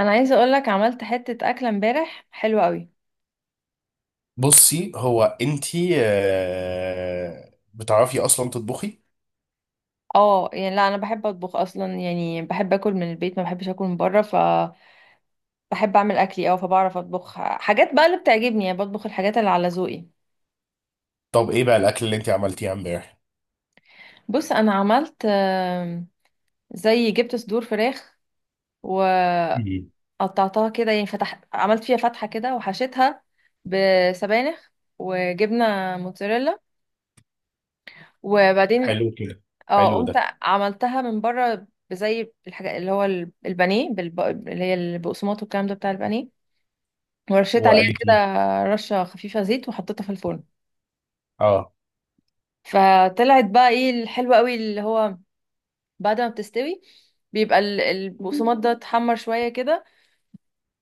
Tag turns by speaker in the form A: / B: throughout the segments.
A: انا عايزه اقول لك، عملت حته اكله امبارح حلوه قوي.
B: بصي هو انتي بتعرفي اصلا تطبخي؟
A: اه، يعني لا، انا بحب اطبخ اصلا، يعني بحب اكل من البيت، ما بحبش اكل من بره، فبحب اعمل اكلي فبعرف اطبخ حاجات بقى اللي بتعجبني، يعني بطبخ الحاجات اللي على ذوقي.
B: طب ايه بقى الاكل اللي انتي عملتيه امبارح؟
A: بص، انا عملت زي جبت صدور فراخ وقطعتها.
B: مم.
A: كده يعني عملت فيها فتحه كده وحشيتها بسبانخ وجبنه موتزاريلا، وبعدين
B: حلو كده.
A: اه
B: حلو
A: قمت
B: ده.
A: عملتها من بره بزي الحاجة اللي هو البانيه اللي هي البقسماط والكلام ده بتاع البانيه، ورشيت عليها كده
B: وقالتي.
A: رشة خفيفة زيت وحطيتها في الفرن.
B: اه،
A: فطلعت بقى ايه الحلوة قوي، اللي هو بعد ما بتستوي بيبقى البقسماط ده اتحمر شوية كده،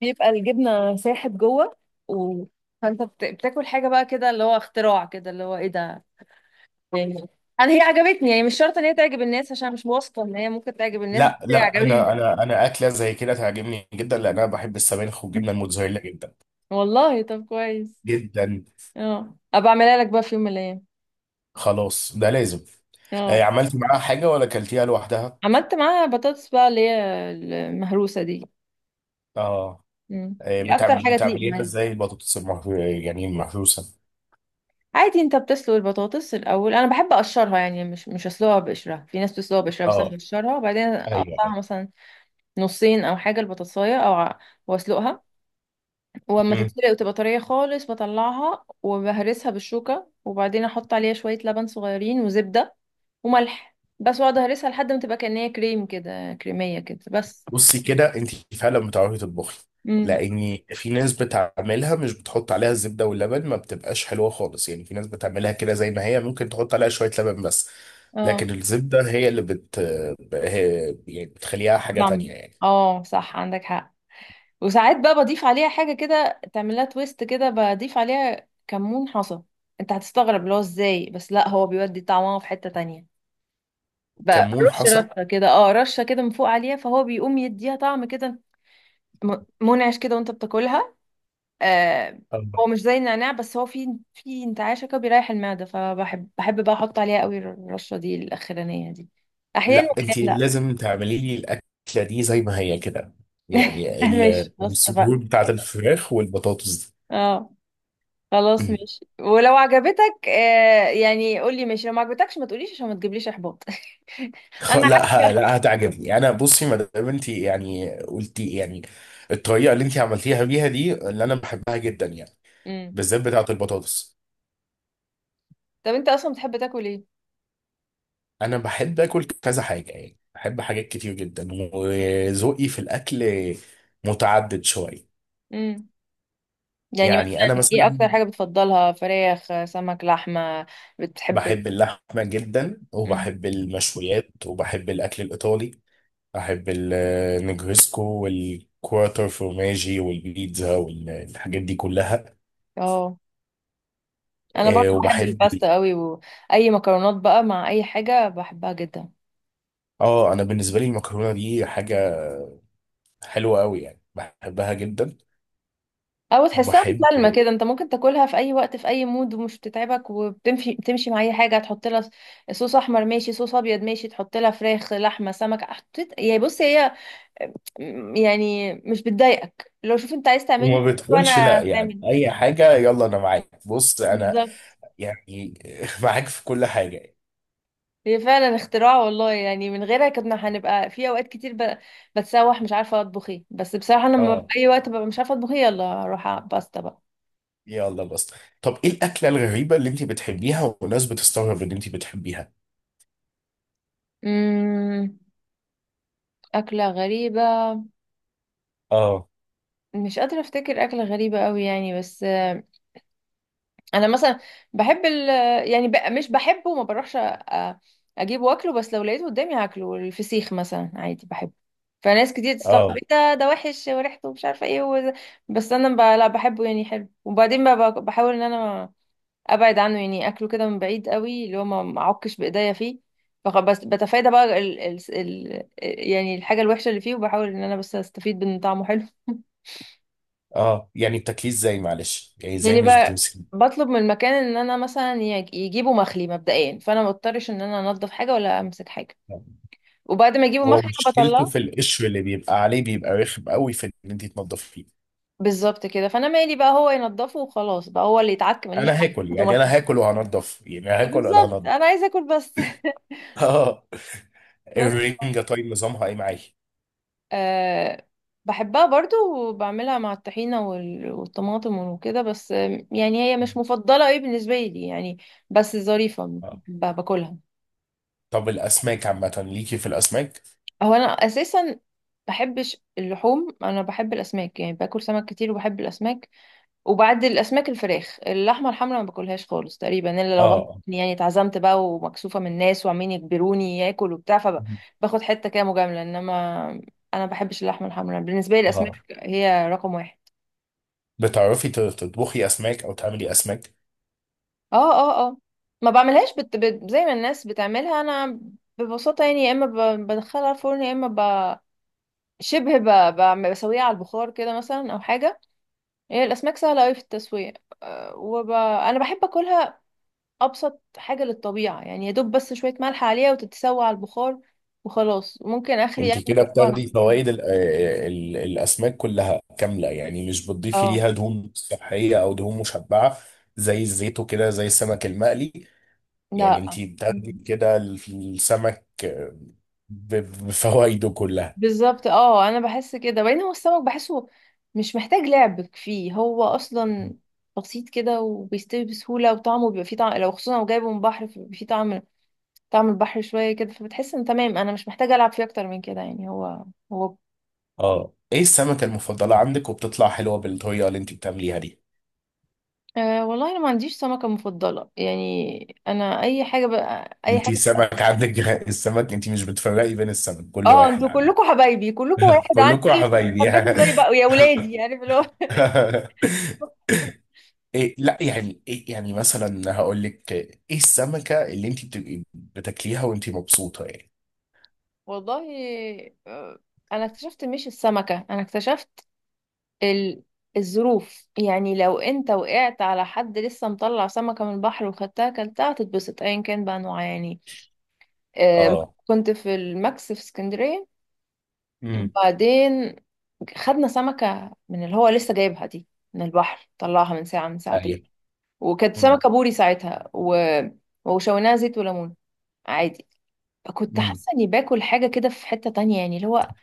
A: بيبقى الجبنة ساحت جوه و... فانت بتاكل حاجة بقى كده اللي هو اختراع كده، اللي هو ايه ده يعني. انا هي عجبتني، يعني مش شرط ان هي تعجب الناس عشان مش واثقة ان هي ممكن تعجب الناس، بس
B: لا
A: هي
B: لا،
A: عجبتني.
B: انا اكله زي كده تعجبني جدا لان انا بحب السبانخ والجبنه الموتزاريلا جدا
A: والله، طب كويس.
B: جدا.
A: اه، ابقى اعملها لك بقى في يوم من الايام.
B: خلاص ده لازم. آه،
A: اه،
B: عملتي معاها حاجه ولا اكلتيها لوحدها؟
A: عملت معاها بطاطس بقى اللي هي المهروسه دي.
B: اه.
A: مم.
B: آه،
A: دي اكتر حاجه تليق
B: بتعمليها
A: معايا.
B: ازاي البطاطس المحروسه؟ يعني المحروسه؟
A: عادي، انت بتسلق البطاطس الاول. انا بحب اقشرها، يعني مش اسلقها بقشرها. في ناس بتسلقها بقشرها، بس انا
B: اه.
A: بقشرها وبعدين
B: ايوه.
A: اقطعها مثلا نصين او حاجه البطاطسايه واسلقها. واما
B: ايوه.
A: تتسلق وتبقى طريه خالص، بطلعها وبهرسها بالشوكه، وبعدين احط عليها شويه لبن صغيرين وزبده وملح بس، واقعد اهرسها لحد ما تبقى كأنها كريم كده، كريميه كده بس.
B: بصي كده انت فعلا بتعرفي تطبخي.
A: امم
B: لاني في ناس بتعملها مش بتحط عليها الزبده واللبن ما بتبقاش حلوه خالص، يعني في ناس بتعملها كده زي ما هي ممكن تحط عليها شويه لبن بس. لكن
A: اه،
B: الزبده هي اللي هي يعني بتخليها حاجه
A: طعم.
B: تانية يعني.
A: اه صح، عندك حق. وساعات بقى بضيف عليها حاجه كده تعمل لها تويست كده، بضيف عليها كمون حصى. انت هتستغرب اللي هو ازاي، بس لا، هو بيودي طعمها في حته تانية بقى.
B: كمون حصل.
A: رشه كده، رشه كده من فوق عليها، فهو بيقوم يديها طعم كده. م- منعش كده وانت بتاكلها. آه. هو
B: أربعة.
A: مش زي النعناع، بس هو في انتعاشة كده بيريح المعدة، فبحب بقى احط عليها قوي الرشة دي الاخرانية دي، احيانا،
B: لا،
A: واحيانا
B: انت
A: لا.
B: لازم تعملي لي الاكله دي زي ما هي كده، يعني
A: ماشي، خلاص
B: الصدور
A: اتفقنا.
B: بتاعت الفراخ والبطاطس
A: اه، خلاص
B: دي.
A: ماشي. ولو عجبتك يعني قولي ماشي، لو ما عجبتكش ما تقوليش عشان ما تجيبليش احباط.
B: خ-
A: انا
B: لا ه-
A: حابة.
B: لا هتعجبني انا. بصي ما دام انت يعني قلتي، يعني الطريقه اللي انت عملتيها بيها دي اللي انا بحبها جدا يعني،
A: امم
B: بالذات بتاعه البطاطس.
A: طب انت اصلا بتحب تاكل ايه؟
B: انا بحب اكل كذا حاجه، يعني بحب حاجات كتير جدا، وذوقي في الاكل متعدد شويه.
A: امم يعني
B: يعني
A: مثلا
B: انا
A: ايه اكتر
B: مثلا
A: حاجة بتفضلها؟ فراخ، سمك، لحمة؟ بتحب ال-
B: بحب اللحمه جدا
A: امم
B: وبحب المشويات وبحب الاكل الايطالي. بحب النجريسكو والكوارتر فورماجي والبيتزا والحاجات دي كلها.
A: اه، انا برضه بحب
B: وبحب.
A: الباستا قوي، واي مكرونات بقى مع اي حاجه بحبها جدا.
B: اه، انا بالنسبه لي المكرونه دي حاجه حلوه قوي يعني بحبها جدا.
A: او تحسها
B: وبحب.
A: مسالمه كده، انت ممكن تاكلها في اي وقت، في اي مود، ومش بتتعبك وبتمشي تمشي مع اي حاجه تحط لها. صوص احمر ماشي، صوص ابيض ماشي، تحط لها فراخ، لحمه، سمك. حطيت يعني، بص هي يعني مش بتضايقك. لو شوف انت عايز تعملني
B: وما بتقولش
A: وانا
B: لا، يعني
A: تعمل،
B: اي حاجه يلا انا معاك. بص انا
A: بالظبط.
B: يعني معاك في كل حاجه يعني،
A: هي فعلا اختراع، والله، يعني من غيرها كنا هنبقى في اوقات كتير بتسوح، مش عارفه اطبخ ايه. بس بصراحه انا لما
B: اه،
A: في اي وقت ببقى مش عارفه اطبخ ايه، يلا اروح على باستا بقى.
B: يلا بس. طب ايه الاكله الغريبه اللي انت بتحبيها والناس بتستغرب ان انت بتحبيها؟
A: امم أكلة غريبة.
B: اه،
A: مش قادرة أفتكر أكلة غريبة أوي يعني، بس أنا مثلا بحب ال يعني مش بحبه وما بروحش أجيب وأكله، بس لو لقيته قدامي هاكله. الفسيخ مثلا عادي بحبه. فناس كتير تستغرب،
B: اه،
A: إيه ده وحش وريحته مش عارفة إيه بس أنا لا، بحبه يعني حلو. وبعدين بحاول إن أنا ابعد عنه، يعني اكله كده من بعيد قوي، اللي هو ما اعكش بايديا فيه. بس بتفادى بقى ال يعني الحاجه الوحشه اللي فيه، وبحاول ان انا بس استفيد من طعمه حلو.
B: اه. يعني بتاكليه ازاي معلش، يعني ازاي
A: يعني
B: مش
A: بقى
B: بتمسكي؟
A: بطلب من المكان ان انا مثلا يجيبوا مخلي مبدئيا، فانا ما اضطرش ان انا انضف حاجه ولا امسك حاجه. وبعد ما يجيبوا
B: هو
A: مخلي انا
B: مشكلته
A: بطلعه.
B: في القشر اللي بيبقى عليه بيبقى رخم قوي في ان انت تنضفيه.
A: بالظبط كده، فانا مالي بقى، هو ينضفه وخلاص، بقى هو اللي يتعك، ماليش
B: انا
A: دعوه،
B: هاكل
A: ياخدوا
B: يعني انا
A: مخلي.
B: هاكل وهنضف، يعني هاكل ولا
A: بالظبط،
B: هنضف؟
A: انا عايزه اكل بس.
B: اه.
A: بس.
B: الرنجة طيب نظامها ايه معايا؟
A: أه، بحبها برضو. وبعملها مع الطحينة والطماطم وكده، بس يعني هي مش مفضلة ايه بالنسبة لي يعني. بس ظريفة،
B: اه.
A: باكلها.
B: طب الاسماك عامة ليكي في الاسماك؟
A: هو انا اساسا بحبش اللحوم، انا بحب الاسماك، يعني باكل سمك كتير وبحب الاسماك. وبعد الاسماك الفراخ، اللحمة الحمراء ما باكلهاش خالص تقريبا الا لو غصب
B: اه،
A: عني، يعني اتعزمت بقى ومكسوفة من الناس وعمالين يجبروني اكل وبتاع فباخد حتة كده مجاملة، انما انا ما بحبش اللحمة الحمراء. بالنسبة لي الاسماك
B: اه،
A: هي رقم واحد.
B: بتعرفي تطبخي اسماك او تعملي اسماك؟
A: اه، اه، اه، ما بعملهاش زي ما الناس بتعملها. انا ببساطة يعني يا اما بدخلها الفرن، يا اما ب... شبه ب... ب... بسويها على البخار كده مثلا، او حاجة. هي الاسماك سهلة اوي في التسوية. أه، انا بحب اكلها ابسط حاجة للطبيعة، يعني يا دوب بس شوية ملح عليها وتتسوى على البخار وخلاص، ممكن اخري
B: انت
A: يعني
B: كده
A: بقى.
B: بتاخدي فوائد الاسماك كلها كاملة، يعني مش بتضيفي
A: اه،
B: ليها دهون صحية او دهون مشبعة زي الزيت وكده زي السمك المقلي. يعني
A: لا،
B: انت بتاخدي كده السمك ب- بفوائده كلها.
A: بالظبط، اه، انا بحس كده. وبعدين هو السمك بحسه مش محتاج لعب فيه، هو اصلا بسيط كده وبيستوي بسهوله، وطعمه بيبقى فيه طعم، لو خصوصا لو جايبه من بحر فبيبقى فيه طعم. طعم البحر شويه كده، فبتحس ان تمام انا مش محتاجه العب فيه اكتر من كده يعني هو.
B: اه، ايه السمكة المفضلة عندك وبتطلع حلوة بالطريقة اللي انت بتعمليها دي؟
A: أه والله، انا ما عنديش سمكه مفضله، يعني انا اي حاجه بقى، اي
B: انت
A: حاجه.
B: سمك عندك السمك، انت مش بتفرقي بين السمك، كله
A: اه،
B: واحد
A: انتوا
B: عندك؟
A: كلكم حبايبي، كلكم واحد
B: كلكم
A: عندي،
B: حبايبي
A: بحبكم زي بقى يا ولادي، عارف اللي هو.
B: إيه، لا يعني إيه، يعني مثلا هقول لك ايه السمكة اللي انت بتبقي بتاكليها وانت مبسوطة يعني؟
A: والله، آه، انا اكتشفت، مش السمكه، انا اكتشفت ال... الظروف. يعني لو انت وقعت على حد لسه مطلع سمكة من البحر وخدتها كلتها، هتتبسط ايا كان بقى نوعها يعني. آه،
B: اه.
A: كنت في الماكس في اسكندرية.
B: امم.
A: وبعدين خدنا سمكة من اللي هو لسه جايبها دي من البحر، طلعها من ساعة من ساعتين،
B: ايوه.
A: وكانت
B: امم.
A: سمكة بوري ساعتها وشويناها زيت وليمون عادي. كنت
B: امم.
A: حاسة اني باكل حاجة كده في حتة تانية يعني، اللي هو،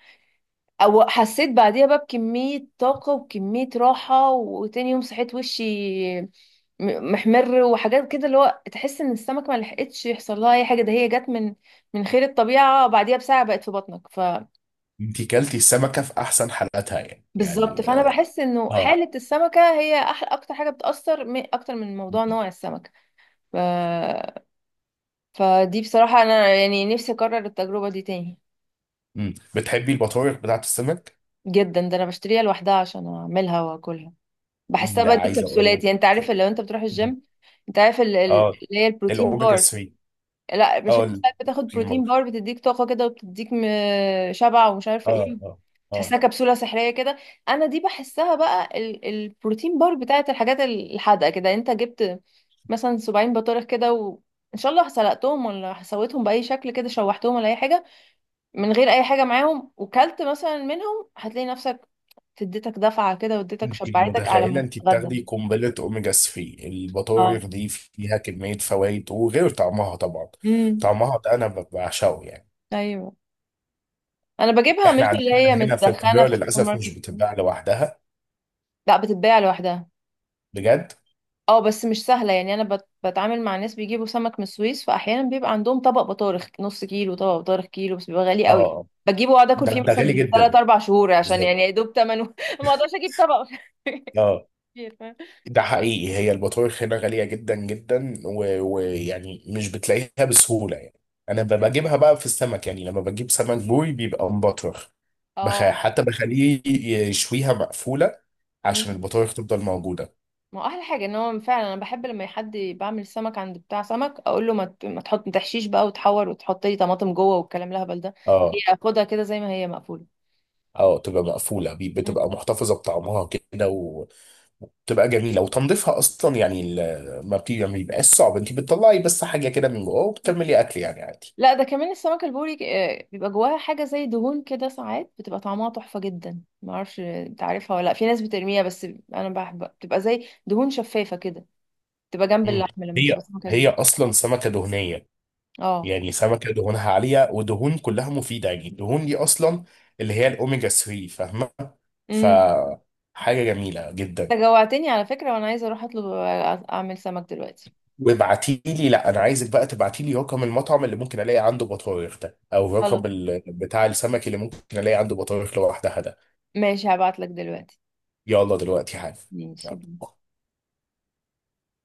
A: او حسيت بعديها بقى بكمية طاقة وكمية راحة. وتاني يوم صحيت وشي م- محمر وحاجات كده، اللي هو تحس ان السمك ما لحقتش يحصل لها اي حاجة، ده هي جت من خير الطبيعة، بعديها بساعة بقت في بطنك.
B: انت كلتي السمكة في احسن حالاتها يعني؟
A: بالظبط. فانا بحس انه
B: اه.
A: حالة السمكة هي احلى، اكتر حاجة بتأثر، اكتر من موضوع نوع السمكة. ف... فدي بصراحة انا يعني نفسي اكرر التجربة دي تاني.
B: امم. بتحبي البطاريق بتاعت السمك؟
A: جدا، ده انا بشتريها لوحدها عشان اعملها واكلها. بحسها
B: ده
A: بقى دي
B: عايز اقول
A: كبسولات، يعني انت عارف
B: لك.
A: لو انت بتروح الجيم، انت عارف
B: اه،
A: اللي هي البروتين
B: الاوميجا
A: بار.
B: 3.
A: لا، مش
B: اه،
A: انت ساعات بتاخد
B: البروتين
A: بروتين
B: بار.
A: بار بتديك طاقة كده، وبتديك شبع ومش عارفة
B: اه،
A: ايه،
B: اه، اه.
A: تحسها كبسولة سحرية كده؟ انا دي بحسها بقى البروتين بار بتاعت الحاجات الحادقة كده. يعني انت جبت مثلا 70 بطارخ كده، وان شاء الله سلقتهم ولا سويتهم بأي شكل كده، شوحتهم ولا اي حاجة، من غير اي حاجة معاهم، وكلت مثلا منهم، هتلاقي نفسك اديتك دفعة كده، واديتك
B: انت
A: شبعتك على
B: متخيله
A: ما
B: انت
A: تتغدى.
B: بتاخدي قنبله اوميجا 3؟ البطاريق
A: اه،
B: دي فيها كميه فوائد وغير طعمها طبعا.
A: امم،
B: طعمها ده انا بعشقه يعني.
A: ايوه. انا بجيبها مش
B: احنا
A: اللي
B: عندنا
A: هي
B: هنا في
A: متدخنه
B: القاهره
A: في السوبر
B: للاسف مش
A: ماركت.
B: بتتباع لوحدها.
A: لا، بتتباع لوحدها.
B: بجد.
A: اه، بس مش سهله، يعني انا بتعامل مع ناس بيجيبوا سمك من السويس. فاحيانا بيبقى عندهم طبق بطارخ نص كيلو، طبق بطارخ كيلو، بس بيبقى غالي
B: اه،
A: قوي.
B: آه.
A: بجيبه واقعد اكل
B: ده
A: فيه
B: ده
A: مثلا
B: غالي
A: ثلاث
B: جدا.
A: اربع شهور عشان يعني
B: بالظبط.
A: يا دوب ثمنه. ما اقدرش اجيب طبق
B: اه،
A: كتير، فاهم؟
B: ده حقيقي، هي البطارخ هنا غالية جدا جدا، ويعني مش بتلاقيها بسهولة يعني. أنا بجيبها بقى في السمك، يعني لما بجيب سمك بوري بيبقى مبطرخ.
A: اه.
B: حتى بخليه يشويها مقفولة عشان
A: مم.
B: البطارخ تفضل موجودة.
A: ما هو احلى حاجه ان هو فعلا، انا بحب لما حد بعمل سمك عند بتاع سمك، اقول له ما ت- ما تحط ما تحشيش بقى وتحور وتحط لي طماطم جوه والكلام الهبل ده.
B: اه،
A: هي خدها كده زي ما هي مقفوله.
B: اه، تبقى مقفولة،
A: مم.
B: بتبقى محتفظة بطعمها كده وتبقى جميلة. وتنظيفها أصلا، يعني ما بيبقاش صعب. أنت بتطلعي بس حاجة كده من جوه وبتكملي أكل يعني عادي.
A: لا، ده كمان السمك البوري بيبقى جواها حاجه زي دهون كده، ساعات بتبقى طعمها تحفه جدا، ما اعرفش انت عارفها ولا لا. في ناس بترميها بس انا بحب، بتبقى زي دهون شفافه كده، بتبقى جنب
B: مم.
A: اللحمه لما
B: هي
A: بتبقى سمكه
B: هي
A: كبيره.
B: أصلا سمكة دهنية.
A: اه،
B: يعني سمكة دهونها عالية ودهون كلها مفيدة، يعني الدهون دي أصلا اللي هي الأوميجا 3، فاهمة؟ ف
A: امم.
B: حاجة جميلة جدا.
A: انت جوعتني على فكره، وانا عايزه اروح اطلب، اعمل سمك دلوقتي.
B: وابعتي لي. لا، أنا عايزك بقى تبعتي لي رقم المطعم اللي ممكن ألاقي عنده بطارخ ده، أو رقم
A: خلاص،
B: بتاع السمك اللي ممكن ألاقي عنده بطارخ لوحدها ده.
A: ماشي، هبعت لك دلوقتي.
B: يلا دلوقتي حالا.
A: ماشي.
B: يلا.